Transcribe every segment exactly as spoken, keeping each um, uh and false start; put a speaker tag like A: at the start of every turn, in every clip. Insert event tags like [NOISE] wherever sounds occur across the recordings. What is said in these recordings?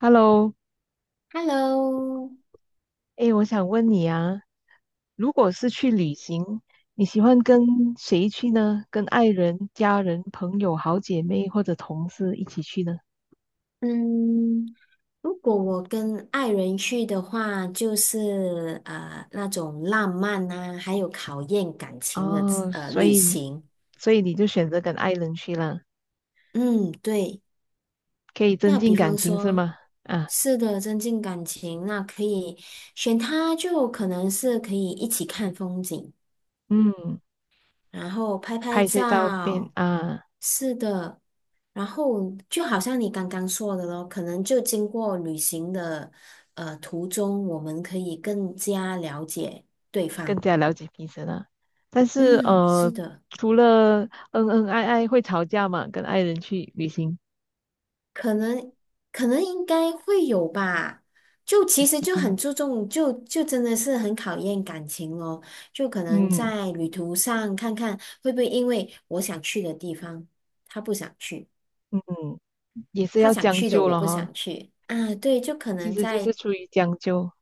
A: Hello，
B: Hello，
A: 哎，我想问你啊，如果是去旅行，你喜欢跟谁去呢？跟爱人、家人、朋友、好姐妹或者同事一起去呢？
B: 嗯，如果我跟爱人去的话，就是呃那种浪漫啊，还有考验感情的
A: 哦，
B: 呃
A: 所
B: 旅
A: 以，
B: 行。
A: 所以你就选择跟爱人去了，
B: 嗯，对。
A: 可以增
B: 那比
A: 进感
B: 方
A: 情是
B: 说，
A: 吗？啊，
B: 是的，增进感情，那可以选他，就可能是可以一起看风景。
A: 嗯，
B: 然后拍拍
A: 拍一些照片
B: 照，
A: 啊，
B: 是的，然后就好像你刚刚说的咯，可能就经过旅行的呃途中，我们可以更加了解对
A: 更
B: 方。
A: 加了解彼此了。但是
B: 嗯，是
A: 呃，
B: 的，
A: 除了恩恩爱爱会吵架嘛，跟爱人去旅行，
B: 可能可能应该会有吧。就其实就
A: 嗯
B: 很注重，就就真的是很考验感情咯。就可能
A: 嗯
B: 在旅途上看看会不会因为我想去的地方，他不想去。
A: 嗯，也是
B: 他
A: 要
B: 想
A: 将
B: 去的
A: 就
B: 我
A: 了
B: 不想
A: 哈。
B: 去啊，对，就可
A: 其
B: 能
A: 实就是
B: 在，
A: 出于将就，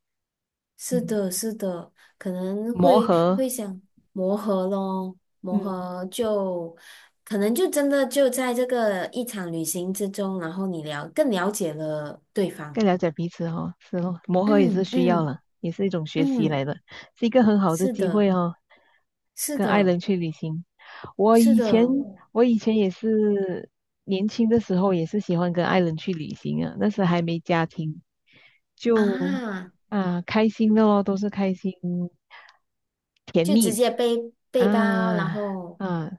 B: 是
A: 嗯，
B: 的，是的，可能
A: 磨
B: 会
A: 合，
B: 会想磨合咯，
A: 嗯，
B: 磨合就可能就真的就在这个一场旅行之中，然后你了更了解了对方，
A: 更了解彼此哦，是哦，磨合也是
B: 嗯
A: 需要
B: 嗯
A: 了，也是一种学习来
B: 嗯，
A: 的，是一个很好的
B: 是
A: 机
B: 的，
A: 会哦，
B: 是
A: 跟爱
B: 的，
A: 人去旅行。我
B: 是
A: 以前
B: 的
A: 我以前也是年轻的时候也是喜欢跟爱人去旅行啊，那时还没家庭，就
B: 啊，
A: 啊开心的咯，都是开心甜
B: 就直
A: 蜜
B: 接背背包，然
A: 啊
B: 后
A: 啊，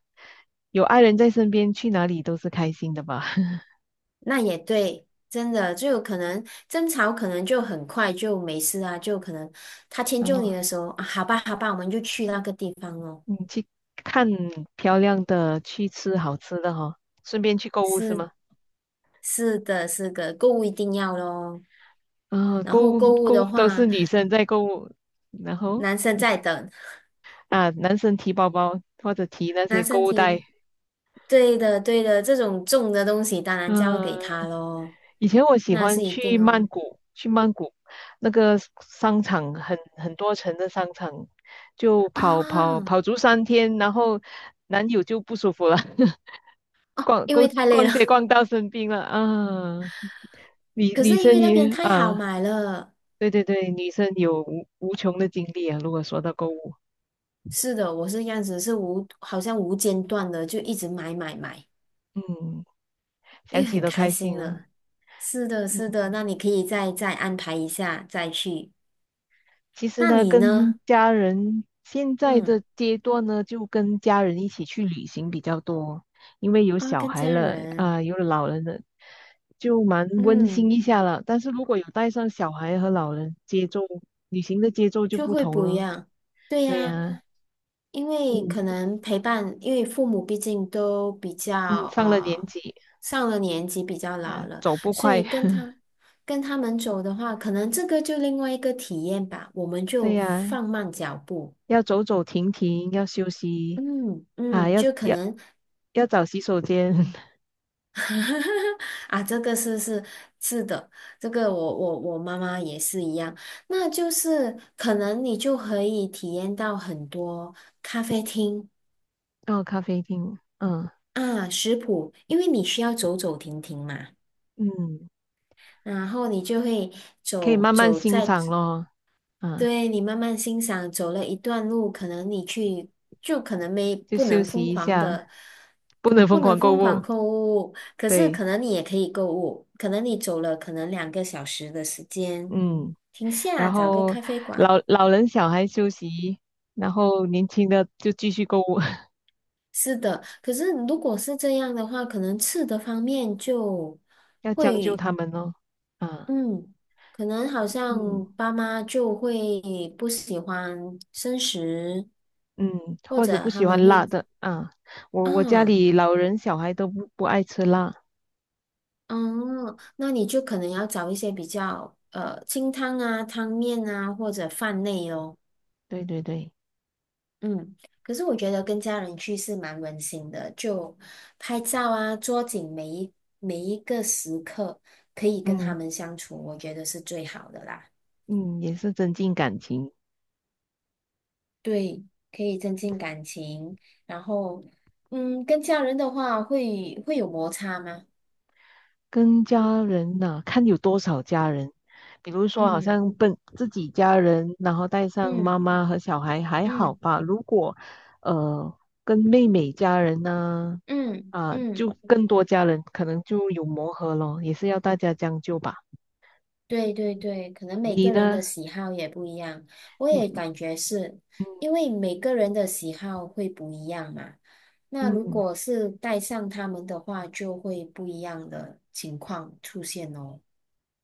A: 有爱人在身边，去哪里都是开心的吧？[LAUGHS]
B: 那也对，真的就有可能争吵，可能就很快就没事啊，就可能他迁
A: 然
B: 就
A: 后
B: 你的时候啊，好吧，好吧，我们就去那个地方咯。
A: 你去看漂亮的，去吃好吃的哈、顺便去购物是
B: 是
A: 吗？
B: 是的，是的，购物一定要咯。
A: 啊，
B: 然
A: 购
B: 后
A: 物
B: 购物
A: 购
B: 的
A: 物都是
B: 话，
A: 女生在购物，然后
B: 男生在等，
A: 啊，男生提包包或者提那
B: 男
A: 些购
B: 生
A: 物袋，
B: 提，对的对的，这种重的东西当然交给他
A: 嗯、
B: 咯，
A: 以前我喜
B: 那
A: 欢
B: 是一
A: 去
B: 定
A: 曼
B: 哦。
A: 谷，去曼谷那个商场很很多层的商场，就跑跑
B: 啊，
A: 跑足三天，然后男友就不舒服了，[LAUGHS] 逛
B: 因为
A: 逛
B: 太累
A: 逛街
B: 了，
A: 逛到生病了啊！
B: [LAUGHS]
A: 女
B: 可
A: 女
B: 是因为
A: 生
B: 那边
A: 也
B: 太好
A: 啊，
B: 买了。
A: 对对对，女生有无无穷的精力啊。如果说到购物，
B: 是的，我是这样子，是无，好像无间断的就一直买买买，
A: 嗯，
B: 因
A: 想
B: 为
A: 起
B: 很
A: 都
B: 开
A: 开心
B: 心
A: 啊。
B: 了。是的，是的，
A: 嗯，
B: 那你可以再再安排一下再去。
A: 其实
B: 那
A: 呢，
B: 你
A: 跟
B: 呢？
A: 家人现在
B: 嗯，
A: 的阶段呢，就跟家人一起去旅行比较多，因为有
B: 啊，
A: 小
B: 跟
A: 孩
B: 家
A: 了
B: 人，
A: 啊、有老人了，就蛮温馨
B: 嗯。
A: 一下了。但是如果有带上小孩和老人，节奏旅行的节奏就
B: 就
A: 不
B: 会
A: 同
B: 不一
A: 了。
B: 样。对
A: 对
B: 呀，
A: 呀、
B: 因为可
A: 嗯
B: 能陪伴，因为父母毕竟都比
A: 嗯，
B: 较
A: 上了年
B: 呃
A: 纪
B: 上了年纪，比较老
A: 啊，
B: 了，
A: 走不
B: 所
A: 快。
B: 以跟他
A: [LAUGHS]
B: 跟他们走的话，可能这个就另外一个体验吧。我们
A: 对
B: 就
A: 呀、
B: 放慢脚步，
A: 要走走停停，要休息
B: 嗯
A: 啊，
B: 嗯，
A: 要
B: 就可
A: 要
B: 能
A: 要找洗手间，[LAUGHS]
B: [LAUGHS] 啊，这个是是是的，这个我我我妈妈也是一样。那就是可能你就可以体验到很多咖啡厅。
A: 到咖啡厅，嗯
B: 啊，食谱，因为你需要走走停停嘛，
A: 嗯。
B: 然后你就会
A: 可以
B: 走
A: 慢慢
B: 走
A: 欣
B: 在，
A: 赏咯，嗯，
B: 对，你慢慢欣赏，走了一段路，可能你去就可能没
A: 就
B: 不
A: 休
B: 能疯
A: 息一
B: 狂
A: 下，
B: 的，
A: 不能疯
B: 不能
A: 狂购
B: 疯狂
A: 物，
B: 购物，可是
A: 对，
B: 可能你也可以购物，可能你走了可能两个小时的时间，
A: 嗯，
B: 停下
A: 然
B: 找个
A: 后
B: 咖啡馆。
A: 老老人小孩休息，然后年轻的就继续购物，[LAUGHS]
B: 是的，可是如果是这样的话，可能吃的方面就。
A: 要将就
B: 会。
A: 他们咯，啊，
B: 嗯，可能好
A: 嗯
B: 像爸妈就会不喜欢生食，
A: 嗯，
B: 或
A: 或者
B: 者
A: 不
B: 他
A: 喜
B: 们
A: 欢辣
B: 会
A: 的，啊，我我家
B: 啊，
A: 里老人小孩都不不爱吃辣，
B: 嗯，那你就可能要找一些比较呃清汤啊、汤面啊或者饭类哦。
A: 对对对，
B: 嗯，可是我觉得跟家人去是蛮温馨的，就拍照啊，捉紧每一每一个时刻，可以跟他
A: 嗯
B: 们相处，我觉得是最好的啦。
A: 嗯，也是增进感情。
B: 对，可以增进感情。然后，嗯，跟家人的话会会有摩擦吗？
A: 跟家人呐、看有多少家人。比如说，好
B: 嗯
A: 像本自己家人，然后带上妈
B: 嗯
A: 妈和小孩还好
B: 嗯
A: 吧。如果呃跟妹妹家人呢、
B: 嗯
A: 啊，
B: 嗯，
A: 就更多家人，可能就有磨合咯，也是要大家将就吧。
B: 对对对，可能每
A: 你
B: 个人
A: 呢？
B: 的喜好也不一样。我也
A: 嗯
B: 感觉是，因
A: 嗯
B: 为每个人的喜好会不一样嘛。那如
A: 嗯
B: 果是带上他们的话，就会不一样的情况出现哦。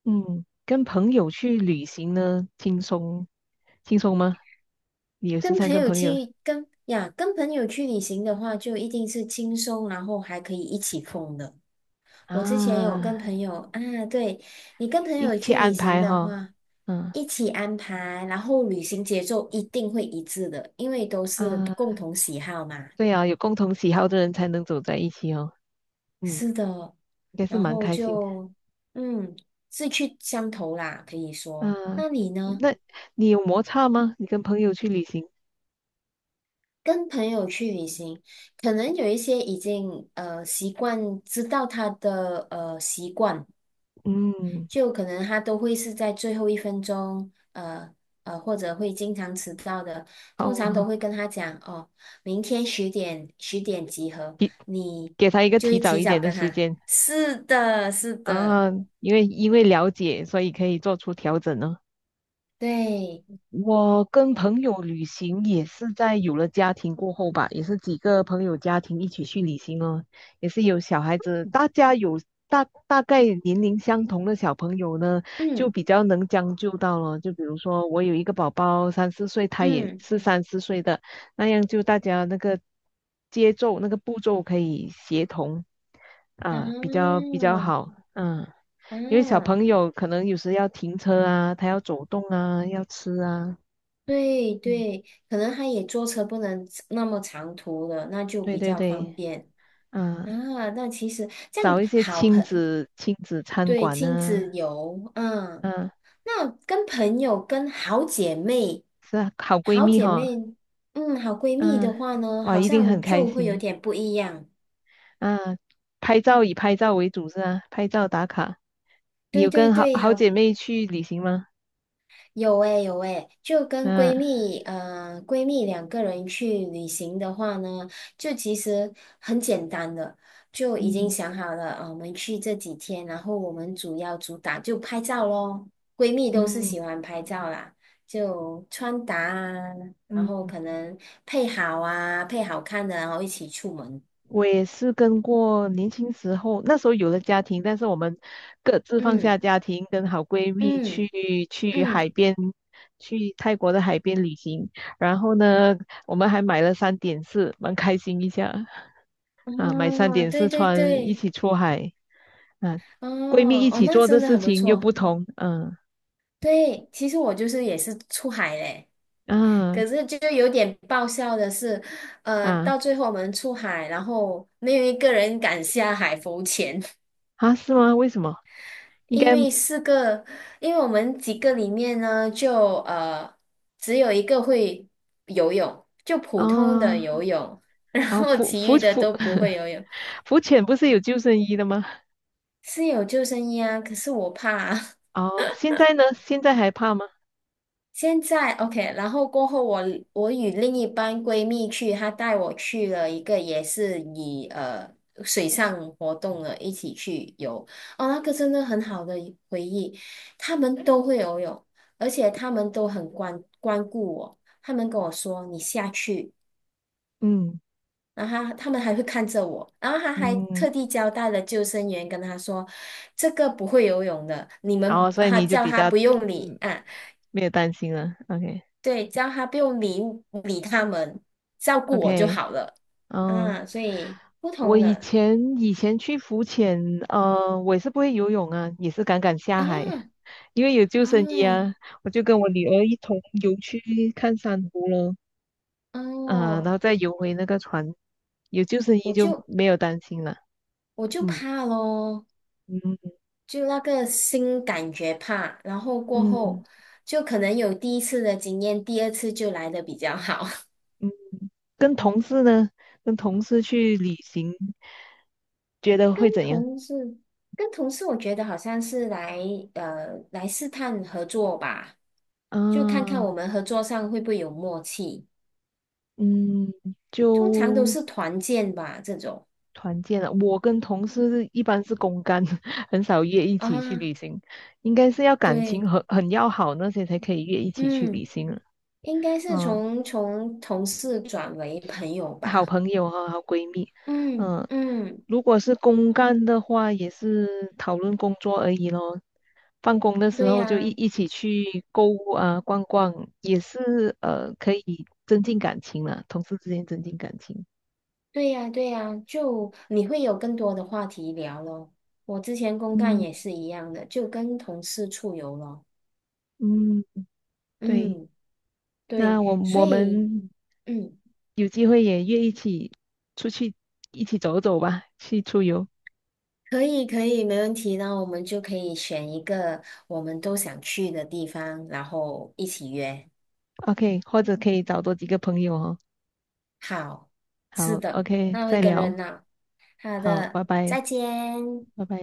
A: 嗯，嗯跟朋友去旅行呢，轻松轻松吗？你有时
B: 跟
A: 常
B: 朋
A: 跟
B: 友
A: 朋友
B: 去跟呀，跟朋友去旅行的话，就一定是轻松，然后还可以一起疯的。我之前有跟朋
A: 啊
B: 友啊，对，你跟朋
A: 一
B: 友
A: 起
B: 去旅
A: 安
B: 行
A: 排
B: 的
A: 哈，
B: 话，
A: 嗯
B: 一起安排，然后旅行节奏一定会一致的，因为都是
A: 啊。
B: 共同喜好嘛。
A: 对啊，有共同喜好的人才能走在一起哦。嗯，
B: 是的，
A: 应该是
B: 然
A: 蛮
B: 后
A: 开心。
B: 就嗯，志趣相投啦，可以说。
A: 啊，
B: 那你呢？
A: 那你有摩擦吗？你跟朋友去旅行？
B: 跟朋友去旅行，可能有一些已经呃习惯，知道他的呃习惯，
A: 嗯，
B: 就可能他都会是在最后一分钟，呃呃，或者会经常迟到的。通常都
A: 哦，
B: 会跟他讲哦，明天十点十点集合，
A: 给
B: 你
A: 给他一个
B: 就
A: 提
B: 会
A: 早
B: 提
A: 一
B: 早
A: 点的
B: 跟
A: 时
B: 他。
A: 间
B: 是的，是的，
A: 啊，因为因为了解，所以可以做出调整呢、
B: 对，
A: 我跟朋友旅行也是在有了家庭过后吧，也是几个朋友家庭一起去旅行哦，也是有小孩子，大家有大大概年龄相同的小朋友呢，就
B: 嗯
A: 比较能将就到了。就比如说我有一个宝宝三四岁，他也
B: 嗯
A: 是三四岁的，那样就大家那个节奏那个步骤可以协同
B: 啊
A: 啊，比较比较好，嗯。因为小
B: 啊，
A: 朋友可能有时要停车啊，他要走动啊，要吃啊，
B: 对
A: 嗯，
B: 对，可能他也坐车不能那么长途了，那就
A: 对
B: 比
A: 对
B: 较
A: 对，
B: 方便
A: 嗯、
B: 啊。那其实这样
A: 找一些
B: 好
A: 亲
B: 朋
A: 子亲子餐
B: 对，
A: 馆
B: 亲子
A: 呢，
B: 游，嗯，
A: 嗯、
B: 那跟朋友、跟好姐妹、
A: 是啊，好闺
B: 好
A: 蜜
B: 姐
A: 哈，
B: 妹，嗯，好闺蜜的
A: 嗯、
B: 话呢，
A: 哇，
B: 好
A: 一定
B: 像
A: 很开
B: 就会有
A: 心，
B: 点不一样。
A: 啊，拍照以拍照为主是啊，拍照打卡。你
B: 对
A: 有
B: 对
A: 跟好
B: 对，
A: 好
B: 好
A: 姐妹去旅行吗？
B: 有诶、有诶、就跟
A: 嗯、
B: 闺蜜，呃，闺蜜两个人去旅行的话呢，就其实很简单的，就已经
A: 嗯，
B: 想好了，啊、我们去这几天，然后我们主要主打就拍照咯。闺蜜都是
A: 嗯
B: 喜欢拍照啦，就穿搭啊，然后
A: 嗯
B: 可能配好啊，配好看的，然后一起出门。
A: 我也是跟过年轻时候，那时候有了家庭，但是我们各自放
B: 嗯
A: 下家庭，跟好闺蜜
B: 嗯
A: 去去海
B: 嗯，
A: 边，去泰国的海边旅行。然后呢，我们还买了三点式，蛮开心一下啊，买三
B: 哦，
A: 点
B: 对
A: 式
B: 对
A: 穿，一
B: 对，
A: 起出海啊，闺蜜
B: 哦
A: 一
B: 哦，
A: 起
B: 那
A: 做的
B: 真的
A: 事
B: 很不
A: 情又
B: 错。
A: 不同，嗯
B: 对，其实我就是也是出海嘞，
A: 嗯
B: 可是就有点爆笑的是，呃，
A: 啊
B: 到最后我们出海，然后没有一个人敢下海浮潜，
A: 啊，是吗？为什么？
B: [LAUGHS]
A: 应
B: 因
A: 该
B: 为四个，因为我们几个里面呢，就呃只有一个会游泳，就普通的
A: 啊，
B: 游泳，[LAUGHS] 然
A: 啊
B: 后
A: 浮
B: 其
A: 浮
B: 余的
A: 浮
B: 都不会
A: [LAUGHS]
B: 游泳，
A: 浮潜不是有救生衣的吗？
B: 是有救生衣啊，可是我怕啊
A: 哦，现在呢？现在还怕吗？
B: 现在 OK，然后过后我我与另一班闺蜜去，她带我去了一个也是以呃水上活动的一起去游，哦，那个真的很好的一回忆，他们都会游泳，而且他们都很关关顾我，他们跟我说你下去，
A: 嗯
B: 然后他他们还会看着我，然后他还
A: 嗯，
B: 特地交代了救生员跟他说，这个不会游泳的，你
A: 然
B: 们
A: 后所以
B: 他
A: 你就
B: 叫
A: 比
B: 他
A: 较
B: 不用理
A: 嗯
B: 啊，
A: 没有担心了。OK
B: 对，只要他不用理理他们，照顾我就
A: OK，
B: 好了。
A: 嗯，
B: 啊，所以不
A: 我
B: 同
A: 以
B: 的
A: 前以前去浮潜，呃，我也是不会游泳啊，也是敢敢下海，
B: 啊
A: 因为有救生衣啊，
B: 啊
A: 我就跟我女儿一同游去看珊瑚咯，啊、然
B: 哦，
A: 后再游回那个船，有救生衣
B: 我
A: 就
B: 就
A: 没有担心了。
B: 我就
A: 嗯
B: 怕咯，
A: 嗯
B: 就那个新感觉怕，然后过后
A: 嗯
B: 就可能有第一次的经验，第二次就来的比较好。[LAUGHS]
A: 嗯。跟同事呢，跟同事去旅行，觉得
B: 跟
A: 会怎样？
B: 同事跟同事，我觉得好像是来呃来试探合作吧，就看看
A: 啊，
B: 我们合作上会不会有默契。
A: 嗯，
B: 通常都
A: 就
B: 是团建吧，这种
A: 团建了。我跟同事一般是公干，[LAUGHS] 很少约一起去
B: 啊，
A: 旅行，应该是要感情
B: 对，
A: 很很要好那些才可以约一起去旅
B: 嗯，
A: 行了。
B: 应该是
A: 嗯、
B: 从从同事转为朋友
A: 好
B: 吧，
A: 朋友和好闺蜜，
B: 嗯
A: 嗯，
B: 嗯，
A: 如果是公干的话，也是讨论工作而已咯。办公的时
B: 对
A: 候就一
B: 呀，
A: 一起去购物啊，逛逛，也是呃可以增进感情了，同事之间增进感情。
B: 对呀，对呀，就你会有更多的话题聊咯。我之前公干
A: 嗯
B: 也是一样的，就跟同事出游咯，
A: 嗯，对，
B: 嗯，对，
A: 那我
B: 所
A: 我
B: 以
A: 们
B: 嗯，
A: 有机会也约一起出去一起走走吧，去出游。
B: 可以可以，没问题，那我们就可以选一个我们都想去的地方，然后一起约。
A: OK，或者可以找多几个朋友哦。
B: 好，是
A: 好
B: 的，
A: ，OK，
B: 那我一
A: 再
B: 个
A: 聊。
B: 人呢。好
A: 好，
B: 的，
A: 拜拜。
B: 再见。
A: 拜拜。